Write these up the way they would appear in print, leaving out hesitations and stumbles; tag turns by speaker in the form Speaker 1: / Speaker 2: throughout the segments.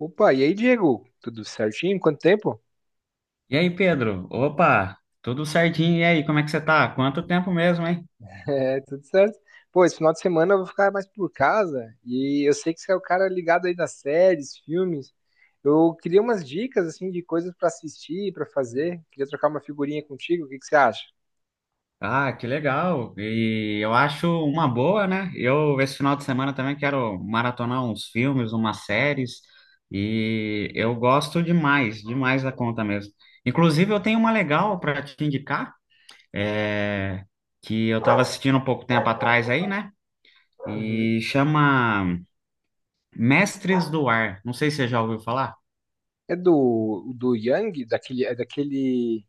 Speaker 1: Opa, e aí, Diego? Tudo certinho? Quanto tempo?
Speaker 2: E aí, Pedro? Opa, tudo certinho. E aí, como é que você tá? Quanto tempo mesmo, hein?
Speaker 1: É, tudo certo. Pô, esse final de semana eu vou ficar mais por casa e eu sei que você é o cara ligado aí das séries, filmes. Eu queria umas dicas, assim, de coisas pra assistir, pra fazer. Queria trocar uma figurinha contigo, o que que você acha?
Speaker 2: Ah, que legal. E eu acho uma boa, né? Esse final de semana também quero maratonar uns filmes, umas séries. E eu gosto demais, demais da conta mesmo. Inclusive, eu tenho uma legal para te indicar, é, que eu tava assistindo um pouco tempo atrás aí, né?
Speaker 1: Uhum.
Speaker 2: E chama Mestres do Ar. Não sei se você já ouviu falar.
Speaker 1: É do Yang, daquele,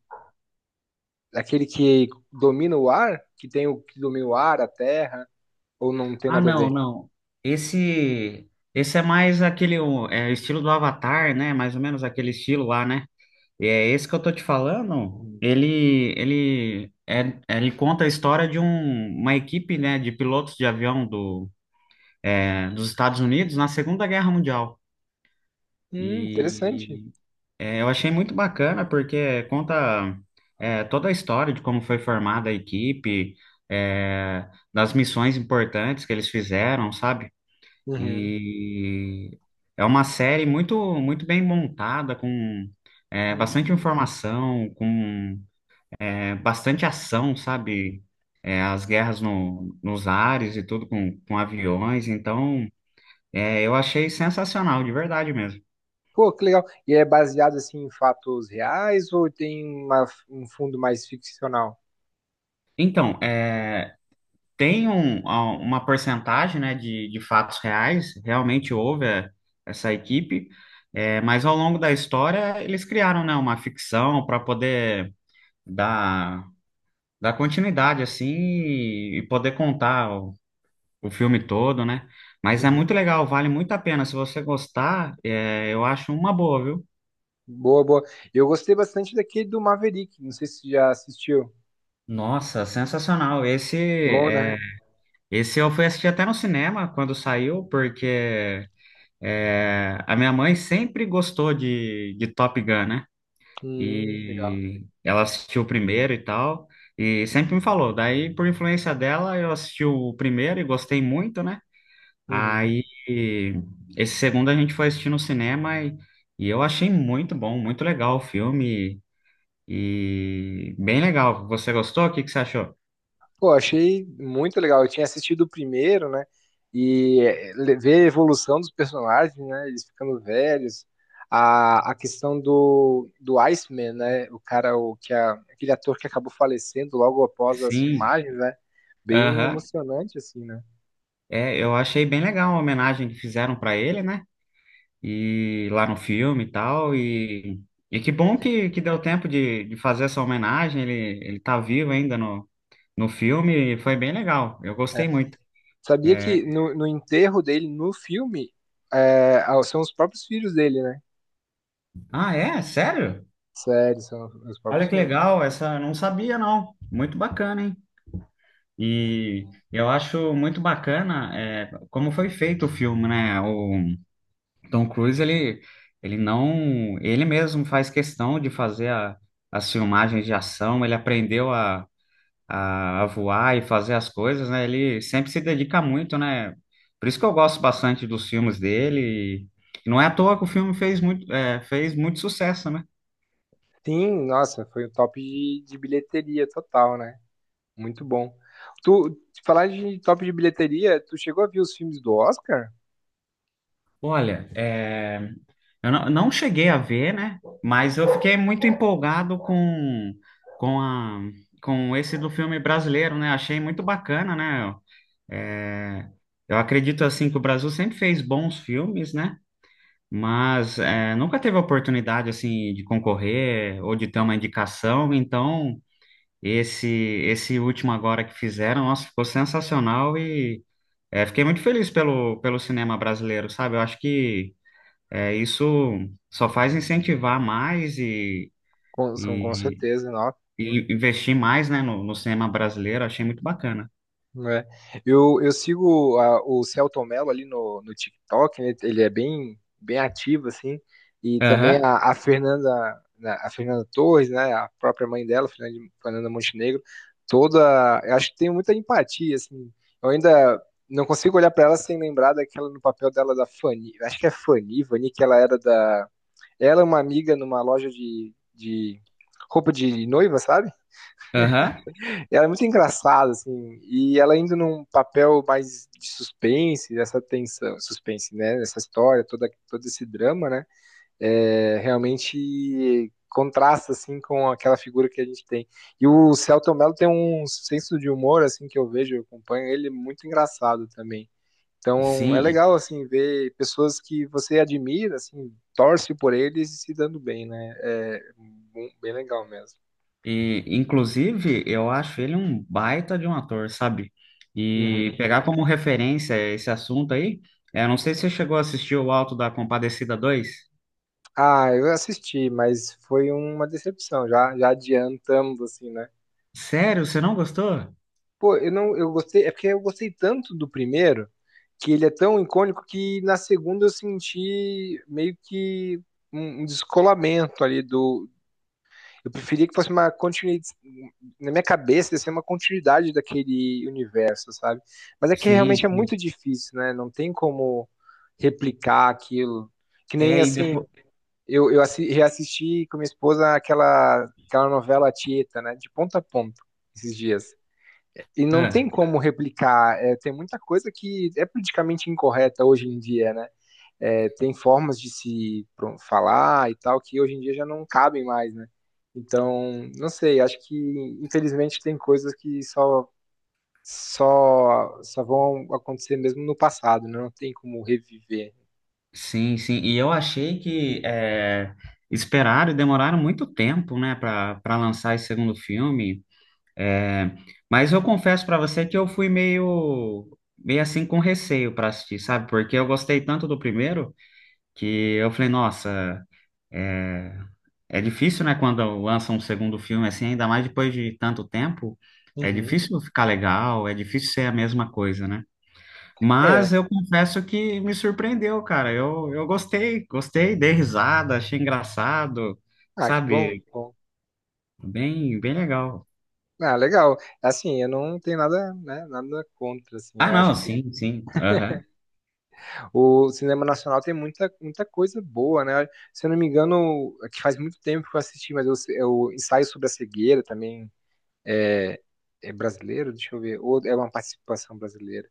Speaker 1: daquele que domina o ar, que tem o que domina o ar, a terra, ou não tem
Speaker 2: Ah,
Speaker 1: nada a
Speaker 2: não,
Speaker 1: ver?
Speaker 2: não. Esse, esse é mais aquele estilo do Avatar, né? Mais ou menos aquele estilo lá, né? E é esse que eu tô te falando.
Speaker 1: Uhum.
Speaker 2: Ele conta a história de uma equipe, né, de pilotos de avião dos Estados Unidos na Segunda Guerra Mundial.
Speaker 1: Interessante.
Speaker 2: E eu achei muito bacana porque conta toda a história de como foi formada a equipe, é, das missões importantes que eles fizeram, sabe?
Speaker 1: Uhum.
Speaker 2: E é uma série muito, muito bem montada, com bastante
Speaker 1: Hum.
Speaker 2: informação, com bastante ação, sabe? É, as guerras no, nos ares e tudo com aviões. Então, eu achei sensacional, de verdade mesmo.
Speaker 1: Pô, que legal. E é baseado assim em fatos reais ou tem uma- um fundo mais ficcional?
Speaker 2: Então, é, tem uma porcentagem, né, de fatos reais, realmente houve é, essa equipe, é, mas ao longo da história eles criaram, né, uma ficção para poder dar, dar continuidade assim e poder contar o filme todo, né? Mas é
Speaker 1: Uhum.
Speaker 2: muito legal, vale muito a pena. Se você gostar, é, eu acho uma boa, viu?
Speaker 1: Boa, boa. Eu gostei bastante daquele do Maverick. Não sei se você já assistiu.
Speaker 2: Nossa, sensacional.
Speaker 1: Bom,
Speaker 2: É,
Speaker 1: né?
Speaker 2: esse eu fui assistir até no cinema quando saiu, porque é, a minha mãe sempre gostou de Top Gun, né?
Speaker 1: Legal.
Speaker 2: E ela assistiu o primeiro e tal, e sempre me falou. Daí, por influência dela, eu assisti o primeiro e gostei muito, né?
Speaker 1: Uhum.
Speaker 2: Aí, esse segundo a gente foi assistir no cinema e eu achei muito bom, muito legal o filme e bem legal. Você gostou? O que que você achou?
Speaker 1: Pô, achei muito legal. Eu tinha assistido o primeiro, né? E é, le- ver a evolução dos personagens, né? Eles ficando velhos. A questão do Iceman, né? O cara, o, que a, aquele ator que acabou falecendo logo após as
Speaker 2: Sim,
Speaker 1: filmagens, né? Bem
Speaker 2: aham.
Speaker 1: emocionante, assim, né?
Speaker 2: É, eu achei bem legal a homenagem que fizeram para ele, né? E lá no filme e tal. E que bom que deu tempo de fazer essa homenagem. Ele tá vivo ainda no filme e foi bem legal. Eu
Speaker 1: É.
Speaker 2: gostei muito.
Speaker 1: Sabia
Speaker 2: É.
Speaker 1: que no enterro dele, no filme, são os próprios filhos dele, né?
Speaker 2: Ah, é? Sério?
Speaker 1: Sério, são os próprios
Speaker 2: Olha que
Speaker 1: filhos.
Speaker 2: legal, essa não sabia não. Muito bacana, hein? E eu acho muito bacana é, como foi feito o filme, né? O Tom Cruise, ele não, ele mesmo faz questão de fazer as filmagens de ação, ele aprendeu a voar e fazer as coisas, né? Ele sempre se dedica muito, né? Por isso que eu gosto bastante dos filmes dele. E não é à toa que o filme fez muito, é, fez muito sucesso, né?
Speaker 1: Sim, nossa, foi o top de bilheteria total, né? Muito bom. Tu, falar de top de bilheteria, tu chegou a ver os filmes do Oscar?
Speaker 2: Olha, é. Eu não, não cheguei a ver, né? Mas eu fiquei muito empolgado com, a, com esse do filme brasileiro, né? Achei muito bacana, né? É, eu acredito, assim, que o Brasil sempre fez bons filmes, né? Mas é, nunca teve a oportunidade, assim, de concorrer ou de ter uma indicação. Então, esse último agora que fizeram, nossa, ficou sensacional e é, fiquei muito feliz pelo cinema brasileiro, sabe? Eu acho que é, isso só faz incentivar mais
Speaker 1: Com, são, com
Speaker 2: e,
Speaker 1: certeza, não.
Speaker 2: e investir mais, né, no cinema brasileiro. Achei muito bacana.
Speaker 1: Né? Eu sigo a- o Celton Mello ali no TikTok, né? Ele é bem, bem ativo, assim, e também
Speaker 2: Aham,
Speaker 1: a Fernanda, né, a Fernanda Torres, né? A própria mãe dela, Fernanda, Fernanda Montenegro, toda, eu acho que tem muita empatia, assim, eu ainda não consigo olhar para ela sem lembrar daquela no papel dela da Fanny, acho que é Fanny, Vani, que ela era da ela é uma amiga numa loja de roupa de noiva, sabe?
Speaker 2: aham,
Speaker 1: Ela é muito engraçada, assim, e ela indo num papel mais de suspense, dessa tensão, suspense, né? Essa história, toda, todo esse drama, né? É, realmente contrasta, assim, com aquela figura que a gente tem. E o Celton Mello tem um senso de humor, assim, que eu vejo, eu acompanho ele, muito engraçado também. Então é
Speaker 2: sim.
Speaker 1: legal assim ver pessoas que você admira, assim, torce por eles e se dando bem, né? É bem bem legal mesmo.
Speaker 2: E, inclusive, eu acho ele um baita de um ator, sabe? E
Speaker 1: Uhum.
Speaker 2: pegar como referência esse assunto aí, eu não sei se você chegou a assistir O Alto da Compadecida dois.
Speaker 1: Ah, eu assisti, mas foi uma decepção, já, já adiantando assim, né?
Speaker 2: Sério, você não gostou?
Speaker 1: Pô, eu não, eu gostei, é porque eu gostei tanto do primeiro que ele é tão icônico que na segunda eu senti meio que um um descolamento ali do, eu preferia que fosse uma continuidade. Na minha cabeça, ia ser uma continuidade daquele universo, sabe? Mas é que
Speaker 2: Sim,
Speaker 1: realmente é
Speaker 2: sim.
Speaker 1: muito difícil, né? Não tem como replicar aquilo. Que nem
Speaker 2: É, e
Speaker 1: assim,
Speaker 2: depois.
Speaker 1: eu assi- reassisti com minha esposa aquela, aquela novela Tieta, né? De ponta a ponta, esses dias. E não tem como replicar. É, tem muita coisa que é politicamente incorreta hoje em dia, né? É, tem formas de se pro- falar e tal que hoje em dia já não cabem mais, né? Então, não sei, acho que infelizmente tem coisas que só vão acontecer mesmo no passado, né? Não tem como reviver.
Speaker 2: Sim, sim. E eu achei que é, esperaram e demoraram muito tempo, né, para para lançar esse segundo filme. É, mas eu confesso para você que eu fui meio assim com receio para assistir, sabe? Porque eu gostei tanto do primeiro que eu falei, nossa, é, é difícil, né, quando lança um segundo filme assim, ainda mais depois de tanto tempo. É
Speaker 1: Uhum.
Speaker 2: difícil ficar legal, é difícil ser a mesma coisa, né?
Speaker 1: É,
Speaker 2: Mas eu confesso que me surpreendeu, cara. Eu gostei, gostei, dei risada, achei engraçado,
Speaker 1: ah, que bom,
Speaker 2: sabe?
Speaker 1: que bom.
Speaker 2: Bem, bem legal.
Speaker 1: Ah, legal. Assim, eu não tenho nada, né, nada contra, assim,
Speaker 2: Ah,
Speaker 1: eu acho
Speaker 2: não,
Speaker 1: que
Speaker 2: sim, sim. Aham.
Speaker 1: o cinema nacional tem muita, muita coisa boa, né? Se eu não me engano, é que faz muito tempo que eu assisti, mas eu ensaio sobre a cegueira também, é brasileiro, deixa eu ver, ou é uma participação brasileira.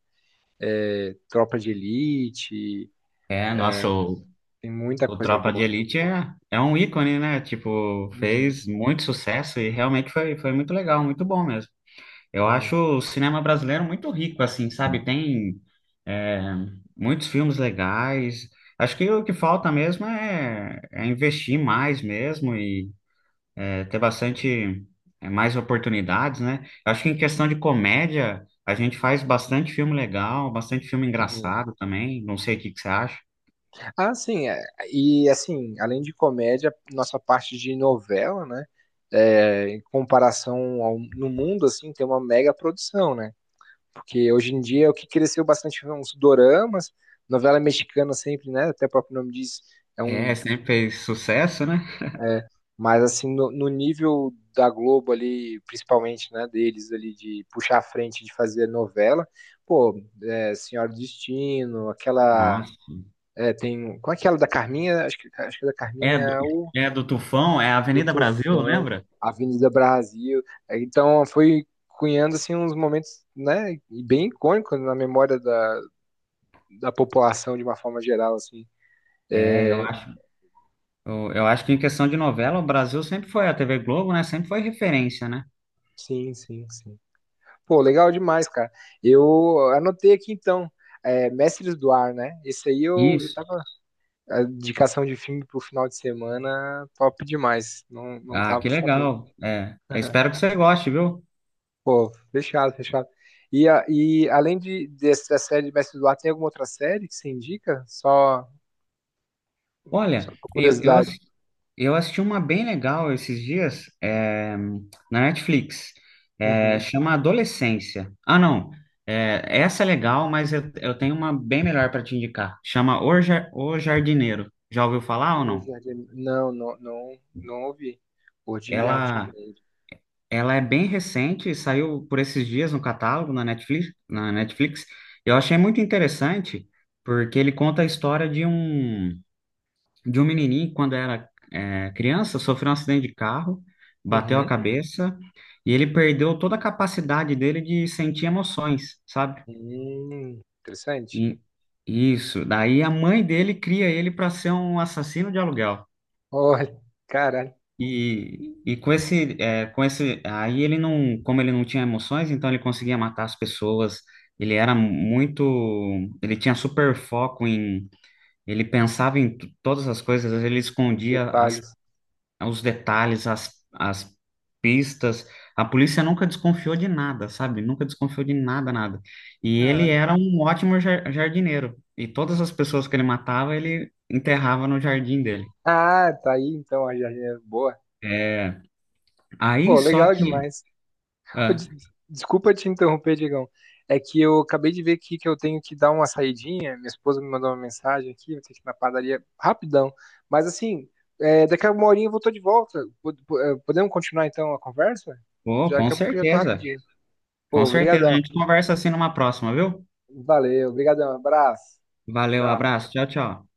Speaker 1: É Tropa de Elite,
Speaker 2: É, nosso,
Speaker 1: tem muita
Speaker 2: o
Speaker 1: coisa
Speaker 2: Tropa de
Speaker 1: boa.
Speaker 2: Elite é um ícone, né? Tipo,
Speaker 1: Uhum.
Speaker 2: fez muito sucesso e realmente foi, foi muito legal, muito bom mesmo. Eu acho
Speaker 1: Hum.
Speaker 2: o cinema brasileiro muito rico, assim, sabe? Tem, é, muitos filmes legais. Acho que o que falta mesmo é investir mais mesmo. É, ter bastante é, mais oportunidades, né? Eu acho que em questão de comédia, a gente faz bastante filme legal, bastante filme
Speaker 1: Uhum.
Speaker 2: engraçado também. Não sei o que que você acha.
Speaker 1: Ah, sim, é, e assim, além de comédia, nossa parte de novela, né? É, em comparação ao, no mundo, assim, tem uma mega produção, né? Porque hoje em dia é o que cresceu bastante foram os doramas, novela mexicana sempre, né? Até o próprio nome diz, é
Speaker 2: É,
Speaker 1: um...
Speaker 2: sempre fez sucesso, né?
Speaker 1: É, mas assim, no nível da Globo ali, principalmente, né, deles ali de puxar a frente de fazer novela, pô, é, Senhora do Destino, aquela
Speaker 2: Nossa.
Speaker 1: é, tem, qual é aquela da Carminha? Acho que da
Speaker 2: É
Speaker 1: Carminha
Speaker 2: do,
Speaker 1: é o
Speaker 2: é do Tufão, é
Speaker 1: do
Speaker 2: Avenida Brasil,
Speaker 1: Tufão,
Speaker 2: lembra?
Speaker 1: Avenida Brasil. É, então foi cunhando assim uns momentos, né, e bem icônicos na memória da, da população de uma forma geral assim.
Speaker 2: É, eu acho, eu acho que em questão de novela, o Brasil sempre foi a TV Globo, né? Sempre foi referência, né?
Speaker 1: Sim, sim, sim. Pô, legal demais, cara. Eu anotei aqui então, é, Mestres do Ar, né? Esse aí eu
Speaker 2: Isso.
Speaker 1: tava. A indicação de filme pro final de semana, top demais. Não, não
Speaker 2: Ah,
Speaker 1: tava
Speaker 2: que
Speaker 1: sabendo.
Speaker 2: legal. É, eu espero que você goste, viu?
Speaker 1: Pô, fechado, fechado. E, a- e além de, dessa série de Mestres do Ar, tem alguma outra série que você indica? Só, só
Speaker 2: Olha,
Speaker 1: por curiosidade.
Speaker 2: eu assisti uma bem legal esses dias, é, na Netflix. É,
Speaker 1: Uhum.
Speaker 2: chama Adolescência. Ah, não. É, essa é legal, mas eu tenho uma bem melhor para te indicar. Chama O Jardineiro. Já ouviu falar ou
Speaker 1: O
Speaker 2: não?
Speaker 1: Jardim... Não, não, não, não ouvi. O de
Speaker 2: Ela,
Speaker 1: Jardineiro.
Speaker 2: ela é bem recente, saiu por esses dias no catálogo na Netflix. Eu achei muito interessante, porque ele conta a história de um. De um menininho, quando era é, criança, sofreu um acidente de carro, bateu a
Speaker 1: Uhum.
Speaker 2: cabeça e ele perdeu toda a capacidade dele de sentir emoções, sabe?
Speaker 1: Interessante.
Speaker 2: E- isso. Daí a mãe dele cria ele para ser um assassino de aluguel.
Speaker 1: Olha, caralho,
Speaker 2: Com esse, aí ele não, como ele não tinha emoções, então ele conseguia matar as pessoas. Ele era muito, ele tinha super foco em, ele pensava em todas as coisas, ele escondia as
Speaker 1: detalhes.
Speaker 2: os detalhes, as, as pistas. A polícia nunca desconfiou de nada, sabe? Nunca desconfiou de nada, nada. E ele
Speaker 1: Caralho.
Speaker 2: era um ótimo jardineiro. E todas as pessoas que ele matava, ele enterrava no jardim dele.
Speaker 1: Ah, tá aí então a jardineira. Boa.
Speaker 2: É, aí
Speaker 1: Pô,
Speaker 2: só
Speaker 1: legal
Speaker 2: que.
Speaker 1: demais. Ô,
Speaker 2: Ah,
Speaker 1: des- desculpa te interromper, Digão. É que eu acabei de ver aqui que eu tenho que dar uma saidinha. Minha esposa me mandou uma mensagem aqui, vou ter que ir na padaria rapidão. Mas assim, é, daqui a uma horinha eu vou tô de volta. Pod- po- podemos continuar então a conversa?
Speaker 2: pô,
Speaker 1: Já
Speaker 2: com
Speaker 1: daqui a pouco eu já tô
Speaker 2: certeza.
Speaker 1: rapidinho.
Speaker 2: Com
Speaker 1: Pô,
Speaker 2: certeza. A
Speaker 1: obrigadão.
Speaker 2: gente conversa assim numa próxima, viu?
Speaker 1: Valeu, obrigadão. Abraço.
Speaker 2: Valeu,
Speaker 1: Tchau.
Speaker 2: abraço. Tchau, tchau.